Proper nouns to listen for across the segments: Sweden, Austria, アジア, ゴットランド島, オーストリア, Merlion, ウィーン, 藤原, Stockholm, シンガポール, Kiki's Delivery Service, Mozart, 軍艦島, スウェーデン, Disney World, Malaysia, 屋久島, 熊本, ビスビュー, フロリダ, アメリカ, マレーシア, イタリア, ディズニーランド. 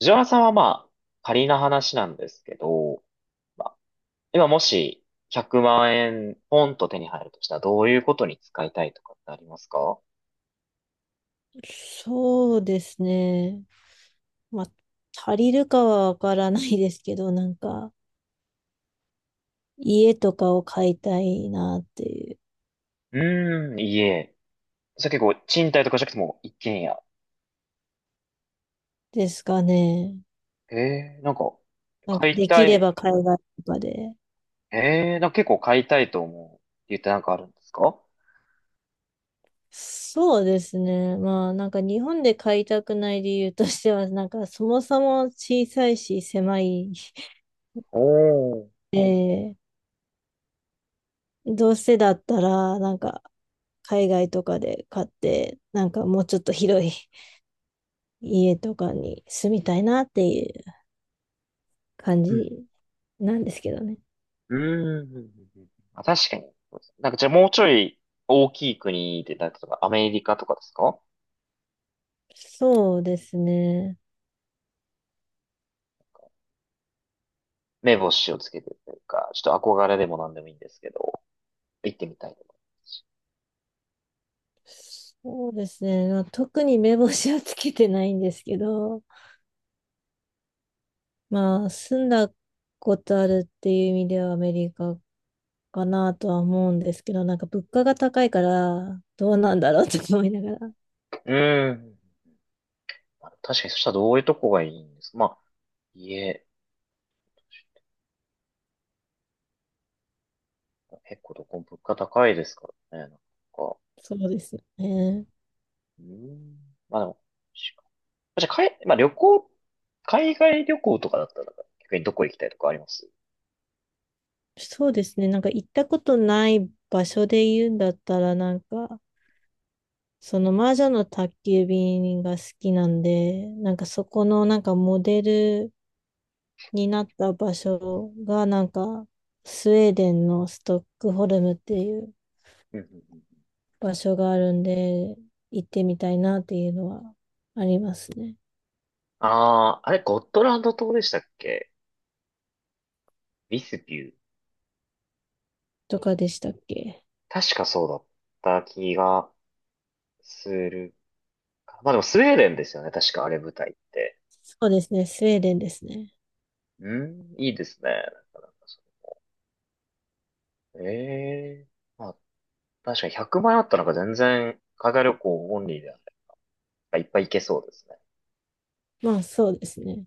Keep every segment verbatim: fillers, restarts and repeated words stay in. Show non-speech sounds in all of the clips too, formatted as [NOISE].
藤原さんはまあ、仮な話なんですけど、まあ、今もしひゃくまん円ポンと手に入るとしたらどういうことに使いたいとかってありますか？そうですね。まあ、足りるかはわからないですけど、なんか、家とかを買いたいなっていう、うーん、家。それ結構賃貸とかじゃなくても一軒家。ですかね。えー、なんか、なんか、買いでたきれい。ば海外とかで。えー、なんか結構買いたいと思うって言ってなんかあるんですか？そうですね。まあ、なんか日本で買いたくない理由としては、なんかそもそも小さいし狭い。おー。で、どうせだったら、なんか、海外とかで買って、なんかもうちょっと広い [LAUGHS] 家とかに住みたいなっていう。感うん。じなんですけどね。うーん。うんうんうん。あ、確かに。なんかじゃあもうちょい大きい国で、なんか例えばアメリカとかですか？そうですね。目星をつけてるというか、ちょっと憧れでも何でもいいんですけど、行ってみたいと思いますし。そうですね。まあ、特に目星はつけてないんですけど、まあ、住んだことあるっていう意味ではアメリカかなとは思うんですけど、なんか物価が高いから、どうなんだろうと思いながら。うん。まあ確かに、そしたらどういうとこがいいんですか？まあ、家、結構どこも物価高いですからね、なんか。そうですよね。うん。まあでも、しじゃあ、かい、まあ旅行、海外旅行とかだったら、逆にどこ行きたいとかあります？そうですね。なんか行ったことない場所で言うんだったら、なんか、その魔女の宅急便が好きなんで、なんかそこのなんかモデルになった場所がなんかスウェーデンのストックホルムっていううんうんうん。場所があるんで行ってみたいなっていうのはありますね。ああ、あれ、ゴットランド島でしたっけ？ビスビュー。とかでしたっけ？確かそうだった気がするか。まあでもスウェーデンですよね。確かあれ舞台って。そうですね、スウェーデンですね。うん、いいですね。なかなかそれええまあ、確かにひゃくまん円あったらなんか全然、海外旅行オンリーでなんかいっぱい行けそうですね。まあそうですね。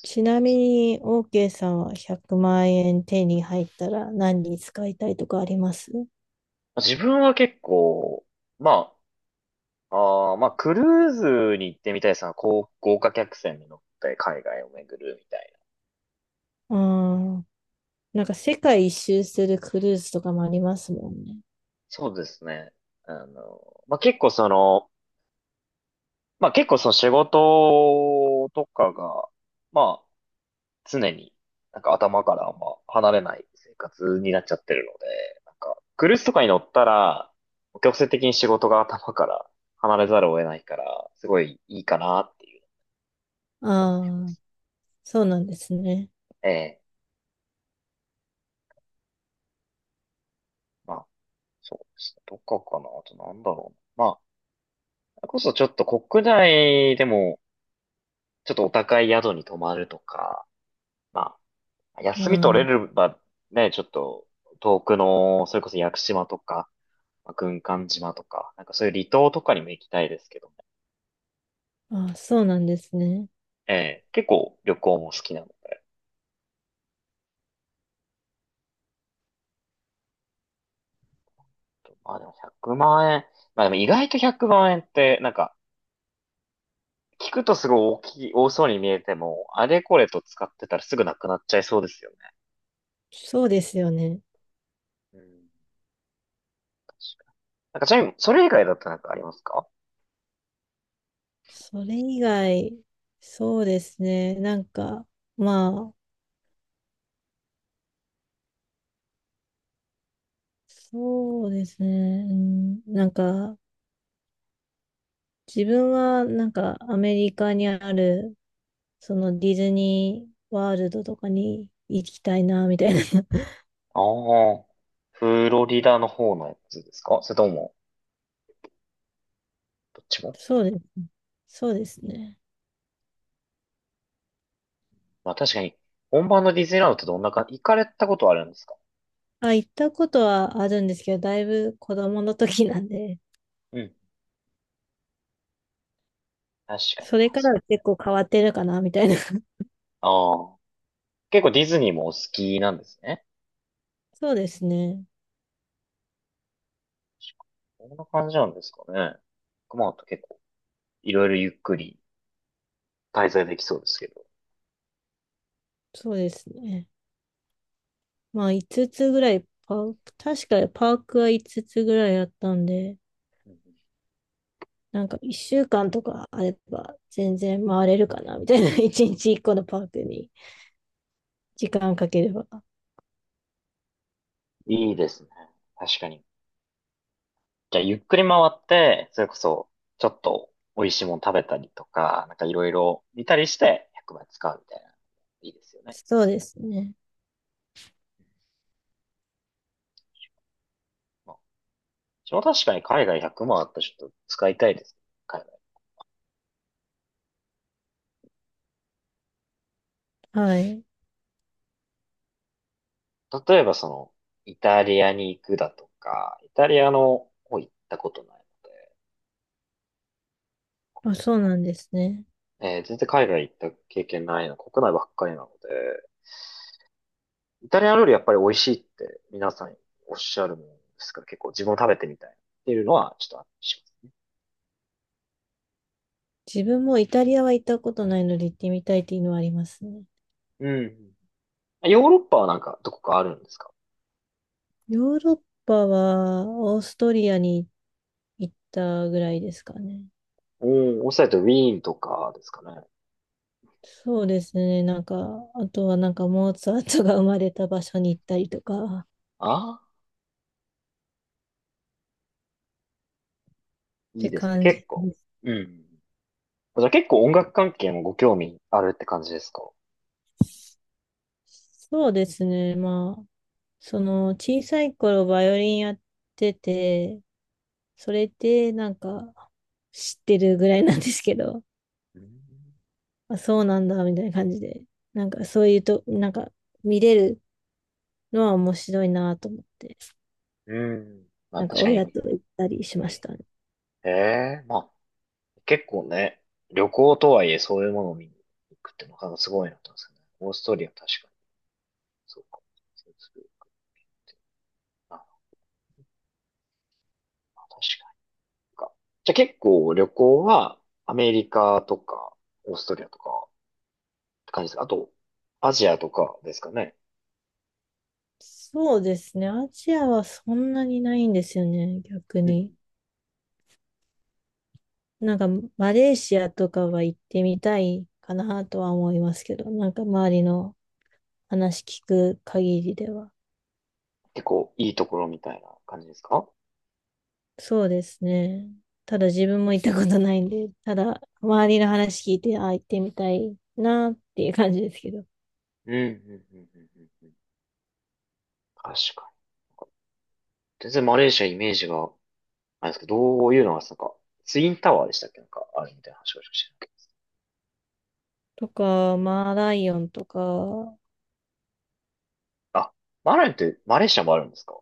ちなみに OK さんはひゃくまん円手に入ったら何に使いたいとかあります？自分は結構、まあ、あーまあ、クルーズに行ってみたいですね。こう豪華客船に乗って海外を巡るみたいな。あー、なんか世界一周するクルーズとかもありますもんね。そうですね。あの、まあ、結構その、まあ、結構その仕事とかが、まあ、常に、なんか頭からあんま離れない生活になっちゃってるので、なんか、クルーズとかに乗ったら、強制的に仕事が頭から離れざるを得ないから、すごいいいかなっていうあのも。あ、そうなんですね。ええ、まあ、そうですね。どっかかなあとなんだろうな。まあ、それこそちょっと国内でも、ちょっとお高い宿に泊まるとか、まあ、あ休み取れあ。ればね、ちょっと遠くの、それこそ屋久島とか、まあ軍艦島とか、なんかそういう離島とかにも行きたいですけど。あ、そうなんですね。ええ、結構旅行も好きなので、まあでもひゃくまん円。まあでも意外とひゃくまん円って、なんか、聞くとすごい大きい、多そうに見えても、あれこれと使ってたらすぐなくなっちゃいそうですよね。そうですよね。うん、確かに。なんかちなみに、それ以外だとなんかありますか？それ以外、そうですね。なんか、まあ、そうですね。うんなんか、自分は、なんか、アメリカにある、そのディズニーワールドとかに行きたいな、みたいな。[LAUGHS] ああ、フロリダの方のやつですか？それとも、どっちも？そうです。そうですね。まあ確かに、本場のディズニーランドってどんなか、行かれたことはあるんですか？あ、行ったことはあるんですけど、だいぶ子供の時なんで、うん。確かに。そまれあかそらは結構変わってるかな、みたいな。[LAUGHS] う。ああ、結構ディズニーもお好きなんですね。そうですね。こんな感じなんですかね。熊本結構、いろいろゆっくり滞在できそうですけど。そうですね。まあいつつぐらいパーク、確かにパークはいつつぐらいあったんで、うんうん。なんかいっしゅうかんとかあれば全然回れるかなみたいな、[LAUGHS] いちにちいっこのパークに時間かければ。いいですね。確かに。じゃあ、ゆっくり回って、それこそ、ちょっと美味しいもの食べたりとか、なんかいろいろ見たりして、ひゃくまん使うみたいな。いいですよね。そうですね。まあ、私も確かに海外ひゃくまんあったらちょっと使いたいですね。海はい。外。例えばその、イタリアに行くだとか、イタリアの方行ったことないので、まあ、そうなんですね。えー全然海外行った経験ないな、国内ばっかりなので、イタリア料理やっぱり美味しいって皆さんおっしゃるもんですから、結構自分も食べてみたいっていうのはちょっとあったりします。自分もイタリアは行ったことないので行ってみたいっていうのはありますね。うん。ヨーロッパはなんかどこかあるんですか？ヨーロッパはオーストリアに行ったぐらいですかね。おー、おっしゃるとウィーンとかですかね。そうですね。なんか、あとはなんかモーツァルトが生まれた場所に行ったりとか、ああ、いいてですね、感じ結構。です。うん。じゃあ結構音楽関係もご興味あるって感じですか？そうですね。まあ、その小さい頃バイオリンやってて、それってなんか知ってるぐらいなんですけど、うん。あ、そうなんだみたいな感じで、なんかそういうと、なんか見れるのは面白いなと思って、うんまあなんか確かに。親と行ったりしましえたね。えーまあ結構ね、旅行とはいえそういうものを見に行くってなかなかすごいなと思うんですよね。オーストリア確かに。そうか。そうするあ、確かにか。じゃあ結構旅行はアメリカとかオーストリアとかって感じですか？あと、アジアとかですかね。そうですね。アジアはそんなにないんですよね、逆うんうん。に。なんかマレーシアとかは行ってみたいかなとは思いますけど、なんか周りの話聞く限りでは。結構いいところみたいな感じですか？そうですね。ただ自分も行ったことないんで、ただ周りの話聞いて、あ、行ってみたいなっていう感じですけど。うんうんうんうんうんうん。確かに。全然マレーシアイメージが、あれですけど、どういうのが、なんか、ツインタワーでしたっけ？なんか、あるみたいな話をしてとか、マーライオンとか、た。あ、マレーって、マレーシアもあるんですか？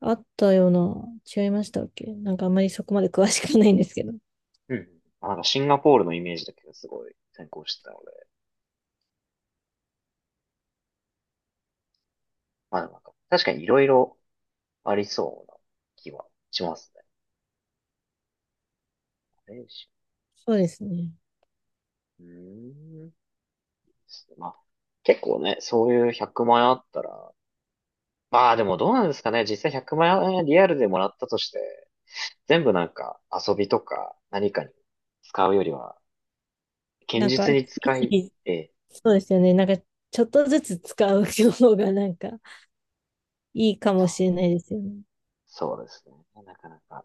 あったような、違いましたっけ？なんかあんまりそこまで詳しくないんですけど。うんうん。あ、なんかシンガポールのイメージだけどすごい先行してたので。まあ、なんか確かにいろいろありそうな気はしますね。マレーシそうですね。ア、うーん。まあ、結構ね、そういうひゃくまん円あったら、まあでもどうなんですかね。実際ひゃくまん円リアルでもらったとして、全部なんか遊びとか何かに使うよりは、堅なん実か、につい使つい、いええ、そうですよね。なんか、ちょっとずつ使う方がなんかいいかもしれないですよね。そうですね。なかなか。